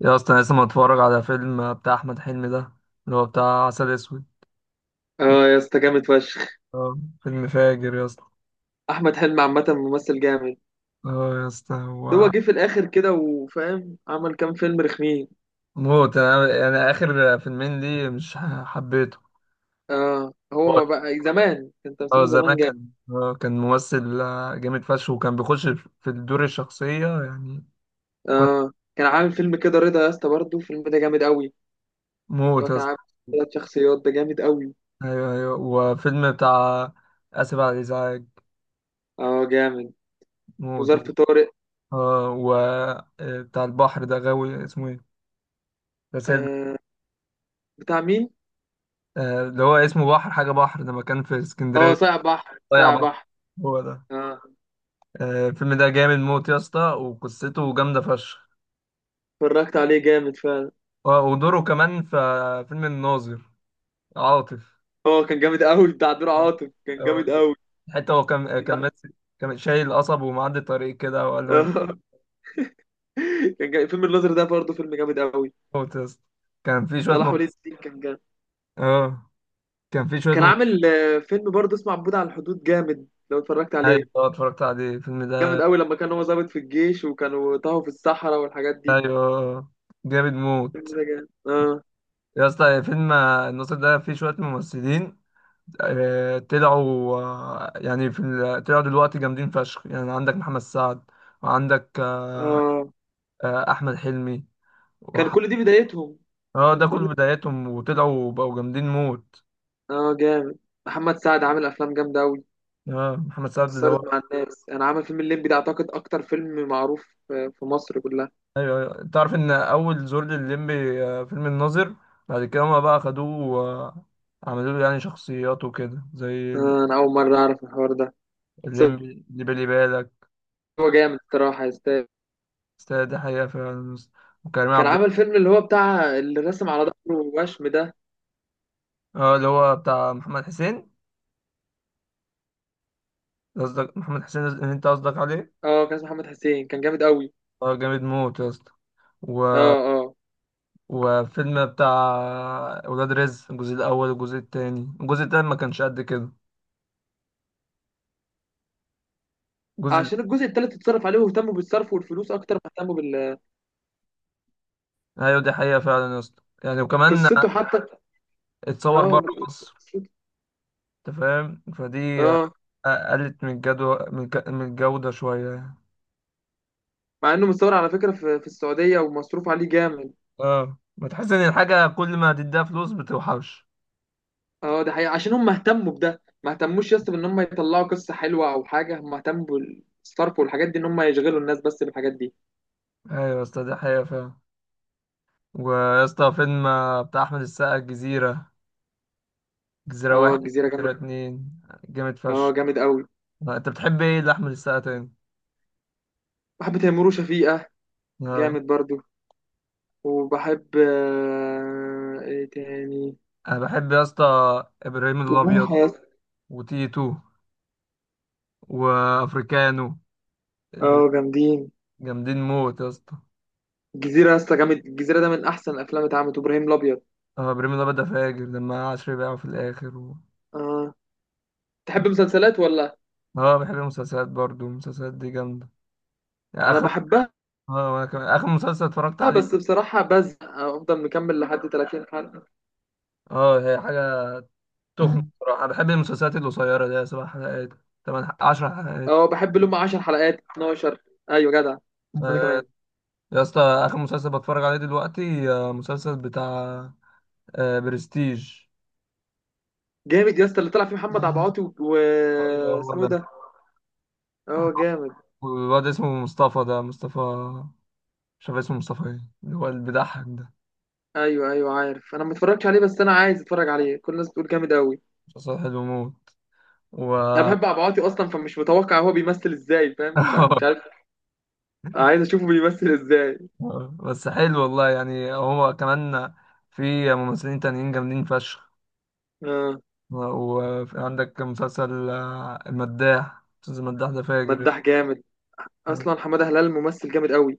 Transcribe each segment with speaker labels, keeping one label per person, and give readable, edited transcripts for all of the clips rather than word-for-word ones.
Speaker 1: يا اصلا أنا لسه متفرج على فيلم بتاع احمد حلمي ده اللي هو بتاع عسل اسود.
Speaker 2: اه يا اسطى جامد فشخ.
Speaker 1: اه، فيلم فاجر يا اسطى.
Speaker 2: احمد حلمي عامه ممثل جامد.
Speaker 1: اه يا اسطى
Speaker 2: هو
Speaker 1: هو
Speaker 2: جه في الاخر كده وفاهم عمل كام فيلم رخمين.
Speaker 1: موت. انا يعني اخر فيلمين ليه مش حبيته.
Speaker 2: اه هو
Speaker 1: هو-
Speaker 2: ما بقى زمان كان
Speaker 1: اه،
Speaker 2: تمثيله زمان
Speaker 1: زمان
Speaker 2: جامد.
Speaker 1: كان ممثل جامد فشخ، وكان بيخش في الدور الشخصية يعني. كان
Speaker 2: اه كان عامل فيلم كده رضا يا اسطى برضه الفيلم ده جامد قوي. اللي هو
Speaker 1: موت يا
Speaker 2: كان
Speaker 1: اسطى.
Speaker 2: عامل ثلاث شخصيات ده جامد قوي.
Speaker 1: ايوه ايوه، وفيلم بتاع، اسف على الازعاج.
Speaker 2: اه جامد
Speaker 1: موت.
Speaker 2: وظرف طارق.
Speaker 1: اه، و بتاع البحر ده غاوي، اسمه ايه، رسائل.
Speaker 2: آه بتاع مين؟
Speaker 1: اللي هو اسمه بحر حاجة، بحر ده مكان في
Speaker 2: اه
Speaker 1: اسكندرية.
Speaker 2: صايع بحر
Speaker 1: ضيع
Speaker 2: صايع
Speaker 1: بحر،
Speaker 2: بحر.
Speaker 1: هو ده.
Speaker 2: اه
Speaker 1: الفيلم ده جامد موت يا اسطى، وقصته جامدة فشخ.
Speaker 2: اتفرجت عليه جامد فعلا.
Speaker 1: ودوره كمان في فيلم الناظر، عاطف.
Speaker 2: اه كان جامد قوي بتاع دور عاطف كان
Speaker 1: آه،
Speaker 2: جامد قوي.
Speaker 1: حتى هو كان كان ماسك، كان شايل قصب ومعدي طريق كده وقال له انت.
Speaker 2: اه كان جامد. فيلم الناظر ده برضه فيلم جامد قوي.
Speaker 1: موت يا اسطى. كان في شوية
Speaker 2: صلاح ولي
Speaker 1: ممثلين
Speaker 2: الدين كان جامد.
Speaker 1: اه كان في شوية
Speaker 2: كان
Speaker 1: ممثلين.
Speaker 2: عامل فيلم برضه اسمه عبود على الحدود جامد لو اتفرجت
Speaker 1: ايوه
Speaker 2: عليه.
Speaker 1: اتفرجت عليه الفيلم
Speaker 2: جامد
Speaker 1: ده.
Speaker 2: قوي لما كان هو ضابط في الجيش وكانوا تاهوا في الصحراء والحاجات دي.
Speaker 1: ايوه جامد موت
Speaker 2: الفيلم ده جامد. اه
Speaker 1: يا اسطى. فيلم الناظر ده فيه شوية ممثلين طلعوا، يعني في طلعوا دلوقتي جامدين فشخ. يعني عندك محمد سعد، وعندك
Speaker 2: اه
Speaker 1: احمد حلمي،
Speaker 2: كان
Speaker 1: وح...
Speaker 2: كل دي بدايتهم.
Speaker 1: اه
Speaker 2: كان
Speaker 1: ده كل
Speaker 2: كل
Speaker 1: بداياتهم، وطلعوا وبقوا جامدين موت.
Speaker 2: اه جامد. محمد سعد عامل افلام جامده قوي.
Speaker 1: اه، محمد سعد ده هو.
Speaker 2: اثرت مع الناس انا عامل فيلم الليمبي ده اعتقد اكتر فيلم معروف في مصر كلها.
Speaker 1: ايوه ايوه، تعرف ان اول زور للمبي فيلم الناظر، بعد كده هما بقى خدوه عملوا له يعني شخصيات وكده زي
Speaker 2: انا اول مره اعرف الحوار ده. بس
Speaker 1: الليمبي، اللي بالي بالك.
Speaker 2: هو جامد الصراحه يستاهل.
Speaker 1: استاذ ده حقيقة فعلا. وكريم
Speaker 2: كان
Speaker 1: عبد،
Speaker 2: عامل فيلم اللي هو بتاع اللي رسم على ظهره وشم ده.
Speaker 1: اه، اللي هو بتاع محمد حسين. قصدك محمد حسين اللي انت قصدك عليه.
Speaker 2: اه كان اسمه محمد حسين كان جامد قوي.
Speaker 1: اه جامد موت يا اسطى. و...
Speaker 2: اه اه
Speaker 1: وفيلم بتاع ولاد رزق، الجزء الاول والجزء التاني الجزء التاني ما كانش قد كده. الجزء،
Speaker 2: عشان الجزء التالت اتصرف عليه واهتموا بالصرف والفلوس اكتر ما اهتموا بال
Speaker 1: ايوه، دي حقيقة فعلا يا اسطى يعني. وكمان
Speaker 2: قصته حتى.
Speaker 1: اتصور
Speaker 2: اه
Speaker 1: بره مصر،
Speaker 2: قصته-
Speaker 1: انت فاهم فدي.
Speaker 2: اه
Speaker 1: قلت من الجدوى، من الجودة شوية يعني.
Speaker 2: مع انه متصور على فكره في السعوديه ومصروف عليه جامد.
Speaker 1: اه، ما تحس ان الحاجة كل ما تديها فلوس بتوحش.
Speaker 2: اه ده حقيقه عشان هم اهتموا بده ما اهتموش يا اسطى بان هم يطلعوا قصه حلوه او حاجه هم اهتموا بالصرف والحاجات دي ان هم يشغلوا الناس بس بالحاجات دي.
Speaker 1: ايوه يا اسطى، دي حقيقة فعلا. ويا اسطى فيلم بتاع احمد السقا، الجزيرة، جزيرة
Speaker 2: اه
Speaker 1: واحد
Speaker 2: الجزيره جامد.
Speaker 1: جزيرة 2، جامد
Speaker 2: اه
Speaker 1: فشخ.
Speaker 2: جامد قوي.
Speaker 1: انت بتحب ايه لأحمد السقا تاني؟
Speaker 2: بحب تيمور وشفيقه
Speaker 1: آه.
Speaker 2: جامد برضو. وبحب ايه تاني؟
Speaker 1: انا بحب يا اسطى ابراهيم الابيض،
Speaker 2: وبوحه يا اسطى.
Speaker 1: وتيتو، وافريكانو.
Speaker 2: اه جامدين.
Speaker 1: جامدين موت يا اسطى.
Speaker 2: الجزيرة يا اسطى جامد. الجزيرة ده من أحسن الأفلام اللي اتعملت. إبراهيم الأبيض.
Speaker 1: اه، ابراهيم الابيض ده فاجر لما عشري بيعه في الاخر
Speaker 2: آه تحب مسلسلات ولا؟
Speaker 1: اه، بحب المسلسلات برضو، المسلسلات دي جامده يعني.
Speaker 2: أنا
Speaker 1: اخر،
Speaker 2: بحبها
Speaker 1: اه، وانا كمان اخر مسلسل اتفرجت عليه.
Speaker 2: بس بصراحة بزهق. أفضل مكمل لحد 30 حلقة.
Speaker 1: اه، هي حاجه تخنق بصراحه. انا بحب المسلسلات القصيره دي، 7 حلقات، 10 حلقات.
Speaker 2: أه بحب اللي هم 10 حلقات 12. أيوة جدع. وأنا
Speaker 1: آه،
Speaker 2: كمان.
Speaker 1: يا اسطى، اخر مسلسل بتفرج عليه دلوقتي مسلسل بتاع برستيج.
Speaker 2: جامد يا اسطى اللي طلع فيه محمد عبعاطي و
Speaker 1: ايوه، هو
Speaker 2: اسمه
Speaker 1: ده.
Speaker 2: ده. اه جامد.
Speaker 1: والواد اسمه مصطفى ده، مصطفى، مش عارف اسمه مصطفى ايه، اللي هو اللي بيضحك ده.
Speaker 2: ايوه، ايوه، عارف. انا ما اتفرجتش عليه بس انا عايز اتفرج عليه كل الناس بتقول جامد قوي.
Speaker 1: مسلسل حلو موت.
Speaker 2: انا
Speaker 1: و...
Speaker 2: بحب عبعاطي اصلا فمش متوقع هو بيمثل ازاي فاهم مش عارف مش عارف. عايز اشوفه بيمثل ازاي.
Speaker 1: بس حلو والله يعني، هو كمان في ممثلين تانيين جامدين فشخ.
Speaker 2: اه،
Speaker 1: وفي عندك مسلسل المداح. مسلسل المداح ده فاجر.
Speaker 2: مداح جامد. اصلا حماده هلال ممثل جامد قوي.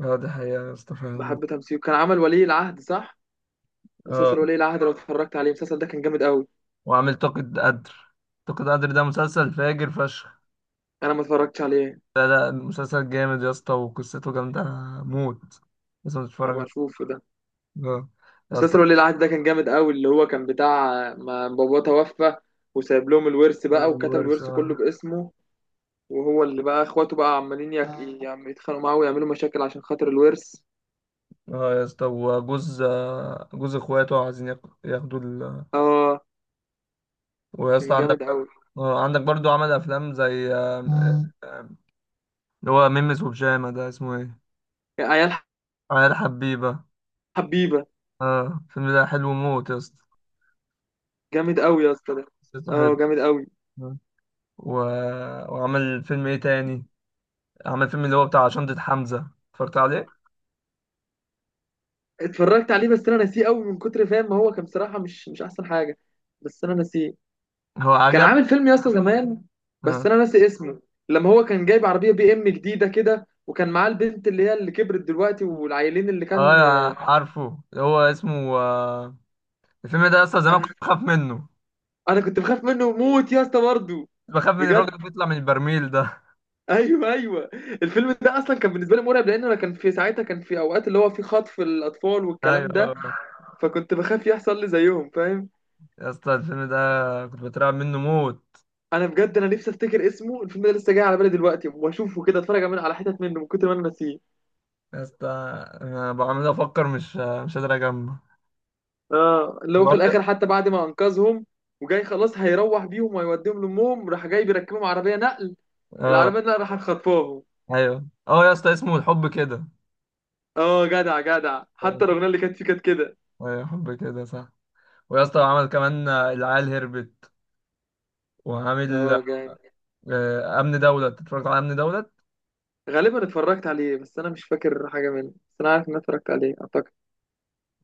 Speaker 1: اه، دي حقيقة يا اسطى فعلا.
Speaker 2: بحب تمثيله. كان عمل ولي العهد صح؟ مسلسل
Speaker 1: اه،
Speaker 2: ولي العهد لو اتفرجت عليه المسلسل ده كان جامد قوي.
Speaker 1: وعامل طاقة قدر. طاقة قدر ده مسلسل فاجر فشخ.
Speaker 2: انا ما اتفرجتش عليه.
Speaker 1: لا لا، مسلسل جامد يا اسطى، وقصته جامدة موت، لازم تتفرج
Speaker 2: هبقى
Speaker 1: عليه.
Speaker 2: اشوفه ده.
Speaker 1: اه يا اسطى.
Speaker 2: مسلسل ولي العهد ده كان جامد قوي اللي هو كان بتاع ما باباه توفى وسايب لهم الورث بقى
Speaker 1: وزن
Speaker 2: وكتب
Speaker 1: الورث،
Speaker 2: الورث
Speaker 1: اه.
Speaker 2: كله باسمه. وهو اللي بقى اخواته بقى عمالين يتخانقوا معاه ويعملوا مشاكل عشان خاطر الورث.
Speaker 1: آه يا اسطى، وجوز، جوز اخواته عايزين ياخدوا
Speaker 2: اه
Speaker 1: ويا اسطى
Speaker 2: كان
Speaker 1: عندك
Speaker 2: جامد قوي.
Speaker 1: عندك برضو عمل افلام زي آم،
Speaker 2: آه.
Speaker 1: آم، اللي هو ميمس وبجامة ده، اسمه ايه،
Speaker 2: عيال
Speaker 1: عيال حبيبة.
Speaker 2: حبيبه
Speaker 1: اه، الفيلم ده حلو موت يا اسطى،
Speaker 2: جامد قوي يا اسطى ده.
Speaker 1: قصته
Speaker 2: اه
Speaker 1: حلو.
Speaker 2: جامد قوي.
Speaker 1: آه. و... وعمل فيلم ايه تاني. عمل فيلم اللي هو بتاع شنطة حمزة، اتفرجت عليه.
Speaker 2: اتفرجت عليه بس انا ناسيه قوي من كتر فاهم ما هو كان بصراحه مش احسن حاجه. بس انا ناسيه.
Speaker 1: هو
Speaker 2: كان
Speaker 1: عجب.
Speaker 2: عامل فيلم يا اسطى زمان بس
Speaker 1: اه
Speaker 2: انا ناسي اسمه. لما هو كان جايب عربيه بي ام جديده كده وكان معاه البنت اللي هي اللي كبرت دلوقتي والعيلين اللي كان.
Speaker 1: اه، عارفه. هو اسمه الفيلم ده اصلا زمان
Speaker 2: انا
Speaker 1: كنت بخاف منه،
Speaker 2: انا كنت بخاف منه موت يا اسطى برضه.
Speaker 1: بخاف من الراجل
Speaker 2: بجد،
Speaker 1: اللي بيطلع من البرميل ده.
Speaker 2: ايوه، ايوه. الفيلم ده اصلا كان بالنسبه لي مرعب لان انا كان في ساعتها كان في اوقات اللي هو في خطف الاطفال والكلام ده.
Speaker 1: ايوه
Speaker 2: فكنت بخاف يحصل لي زيهم فاهم.
Speaker 1: يا اسطى، الفيلم ده كنت بترعب منه موت.
Speaker 2: انا بجد انا نفسي افتكر اسمه الفيلم ده لسه جاي على بالي دلوقتي واشوفه كده اتفرج من على حتت منه من كتر ما انا ناسيه.
Speaker 1: يا اسطى، انا بعمل افكر، مش قادر اجمع.
Speaker 2: اه اللي هو في
Speaker 1: برضه.
Speaker 2: الاخر حتى بعد ما انقذهم وجاي خلاص هيروح بيهم ويوديهم لامهم راح جاي بيركبهم عربيه نقل.
Speaker 1: اه،
Speaker 2: العربيه نقل راح خطفاهم.
Speaker 1: ايوه، اه يا اسطى، اسمه الحب كده.
Speaker 2: اه جدع، جدع.
Speaker 1: آه،
Speaker 2: حتى الاغنيه اللي كانت فيه كانت كده.
Speaker 1: ايوه، حب كده صح. ويا اسطى، عمل كمان العيال هربت، وعامل
Speaker 2: اه جامد.
Speaker 1: امن دولة. اتفرجت على امن دولة.
Speaker 2: غالبا اتفرجت عليه بس انا مش فاكر حاجه منه بس انا عارف ان أنا اتفرجت عليه اعتقد.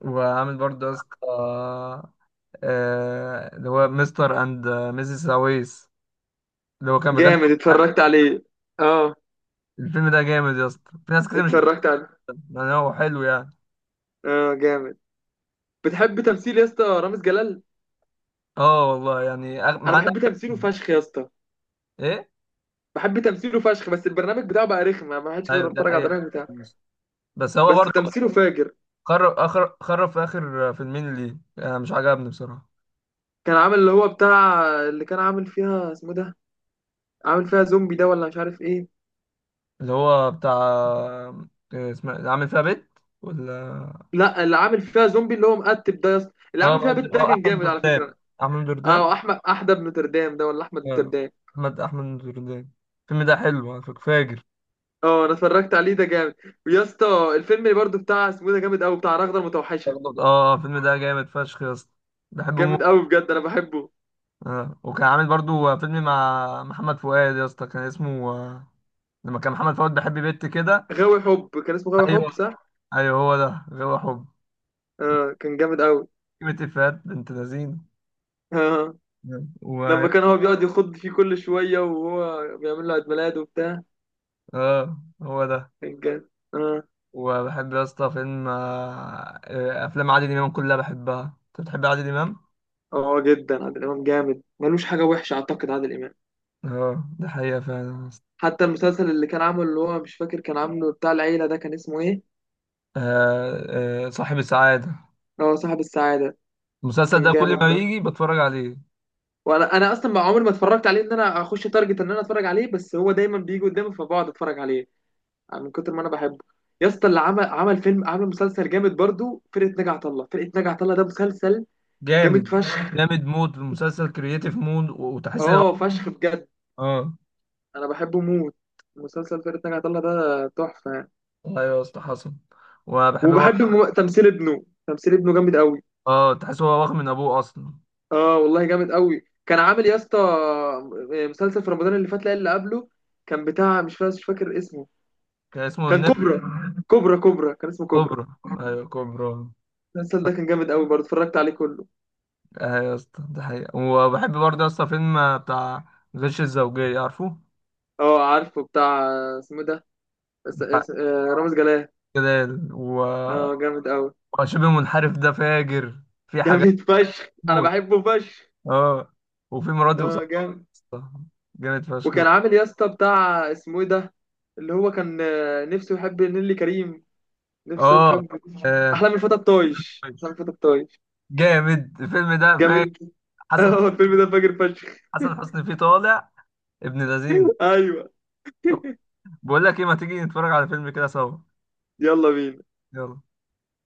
Speaker 1: وعامل برضه يا اسطى اللي هو مستر اند ميسيس سويس، اللي هو كان بيغني.
Speaker 2: جامد اتفرجت عليه. اه
Speaker 1: الفيلم ده جامد يا اسطى، في ناس كتير مش
Speaker 2: اتفرجت
Speaker 1: بتحبه
Speaker 2: عليه.
Speaker 1: يعني، هو حلو يعني.
Speaker 2: اه جامد. بتحب تمثيل يا اسطى رامز جلال؟
Speaker 1: اه والله يعني
Speaker 2: انا
Speaker 1: معانا.
Speaker 2: بحب تمثيله فشخ يا اسطى.
Speaker 1: ايه.
Speaker 2: بحب تمثيله فشخ بس البرنامج بتاعه بقى رخم ما حدش
Speaker 1: ايوه،
Speaker 2: بيقدر
Speaker 1: ده
Speaker 2: يتفرج على
Speaker 1: حقيقة.
Speaker 2: البرنامج بتاعه.
Speaker 1: بس هو
Speaker 2: بس
Speaker 1: برضه
Speaker 2: تمثيله فاجر.
Speaker 1: خرب، اخر خرب في اخر فيلمين ليه، انا مش عجبني بصراحة.
Speaker 2: كان عامل اللي هو بتاع اللي كان عامل فيها اسمه ده. عامل فيها زومبي ده ولا مش عارف ايه.
Speaker 1: اللي هو بتاع إيه، اسمه إيه؟ عامل فيها بيت ولا.
Speaker 2: لا، اللي عامل فيها زومبي اللي هو مقتب ده يا اسطى اللي
Speaker 1: اه
Speaker 2: عامل فيها بنت ده
Speaker 1: اه،
Speaker 2: كان
Speaker 1: احمد
Speaker 2: جامد على
Speaker 1: دردان،
Speaker 2: فكرة.
Speaker 1: احمد دردان.
Speaker 2: اه احمد احدب نوتردام ده ولا احمد
Speaker 1: اه،
Speaker 2: نوتردام.
Speaker 1: احمد دردان. الفيلم ده حلو على فكرة، فاجر.
Speaker 2: اه انا اتفرجت عليه ده جامد. ويا اسطى الفيلم اللي برضه بتاع اسمه ده جامد قوي بتاع رغدة المتوحشة.
Speaker 1: اه، الفيلم ده جامد فشخ يا اسطى، بحبه
Speaker 2: جامد
Speaker 1: موت.
Speaker 2: قوي بجد انا بحبه.
Speaker 1: اه، وكان عامل برضو فيلم مع محمد فؤاد يا اسطى، كان اسمه لما كان محمد فؤاد بيحب بنت كده.
Speaker 2: غاوي حب كان اسمه غاوي حب
Speaker 1: ايوه
Speaker 2: صح؟
Speaker 1: ايوه، هو ده غاوي حب.
Speaker 2: اه كان جامد
Speaker 1: كلمة إفيهات بنت لذينه.
Speaker 2: قوي
Speaker 1: و
Speaker 2: لما كان هو بيقعد يخض فيه كل شوية وهو بيعمل له عيد ميلاد وبتاع.
Speaker 1: اه، هو ده.
Speaker 2: كان جامد. اه
Speaker 1: وبحب يا اسطى فيلم آه، آه، افلام عادل امام كلها بحبها. انت بتحب عادل امام؟
Speaker 2: اه جدا عادل إمام جامد ملوش حاجة وحشة أعتقد عادل إمام.
Speaker 1: اه، ده حقيقة فعلا يا اسطى.
Speaker 2: حتى المسلسل اللي كان عامله اللي هو مش فاكر كان عامله بتاع العيلة ده كان اسمه إيه؟
Speaker 1: صاحب السعادة.
Speaker 2: هو صاحب السعادة.
Speaker 1: المسلسل
Speaker 2: كان
Speaker 1: ده كل
Speaker 2: جامد
Speaker 1: ما
Speaker 2: ده.
Speaker 1: يجي بتفرج عليه.
Speaker 2: وأنا أصلا ما عمري ما اتفرجت عليه إن أنا أخش تارجت إن أنا أتفرج عليه بس هو دايما بيجي قدامي فبقعد أتفرج عليه. يعني من كتر ما أنا بحبه. يا اسطى اللي عمل فيلم عمل مسلسل جامد برضو فرقة ناجي عطا الله. فرقة ناجي عطا الله ده مسلسل جامد
Speaker 1: جامد،
Speaker 2: فشخ.
Speaker 1: جامد مود المسلسل، كرييتيف مود، وتحس ان هو.
Speaker 2: اه فشخ بجد
Speaker 1: اه،
Speaker 2: انا بحبه موت. مسلسل فرقة ناجي عطا الله ده تحفة يعني.
Speaker 1: ايوه يا اسطى، حصل. وبحب برضه.
Speaker 2: وبحب تمثيل ابنه. تمثيل ابنه جامد قوي.
Speaker 1: اه، تحس هو واخد من ابوه اصلا.
Speaker 2: اه والله جامد قوي. كان عامل يا اسطى مسلسل في رمضان اللي فات لا اللي قبله. كان بتاع مش فاكر اسمه.
Speaker 1: كان اسمه
Speaker 2: كان
Speaker 1: النمر،
Speaker 2: كوبرا كوبرا. كان اسمه كوبرا.
Speaker 1: كوبرا. ايوه كوبرا.
Speaker 2: المسلسل ده كان جامد قوي برضه اتفرجت عليه كله.
Speaker 1: ايوه يا اسطى، ده حقيقة. وبحب برضه يا اسطى فيلم بتاع غش الزوجية، عارفه؟
Speaker 2: اه عارفه بتاع اسمه إيه ده.
Speaker 1: بتاع
Speaker 2: رامز جلال.
Speaker 1: جلال،
Speaker 2: اه جامد قوي
Speaker 1: وشبه منحرف ده فاجر، في حاجات
Speaker 2: جامد فشخ انا
Speaker 1: موت.
Speaker 2: بحبه فشخ.
Speaker 1: اه، وفي مراتي
Speaker 2: اه
Speaker 1: وصاحبي،
Speaker 2: جامد.
Speaker 1: جامد فشخ
Speaker 2: وكان
Speaker 1: بقى.
Speaker 2: عامل يا اسطى بتاع اسمه ايه ده. اللي هو كان نفسه يحب نيللي كريم. نفسه
Speaker 1: اه
Speaker 2: تحب.
Speaker 1: آه،
Speaker 2: احلام الفتى الطايش، احلام الفتى الطايش.
Speaker 1: جامد، الفيلم ده فاجر،
Speaker 2: جامد.
Speaker 1: حسن
Speaker 2: اه
Speaker 1: حسني
Speaker 2: الفيلم ده
Speaker 1: فيه
Speaker 2: فاجر فشخ.
Speaker 1: حسن حسني فيه طالع ابن لذينه.
Speaker 2: ايوه.
Speaker 1: طب، بقول لك ايه، ما تيجي نتفرج على فيلم كده سوا.
Speaker 2: يلا بينا.
Speaker 1: يلا.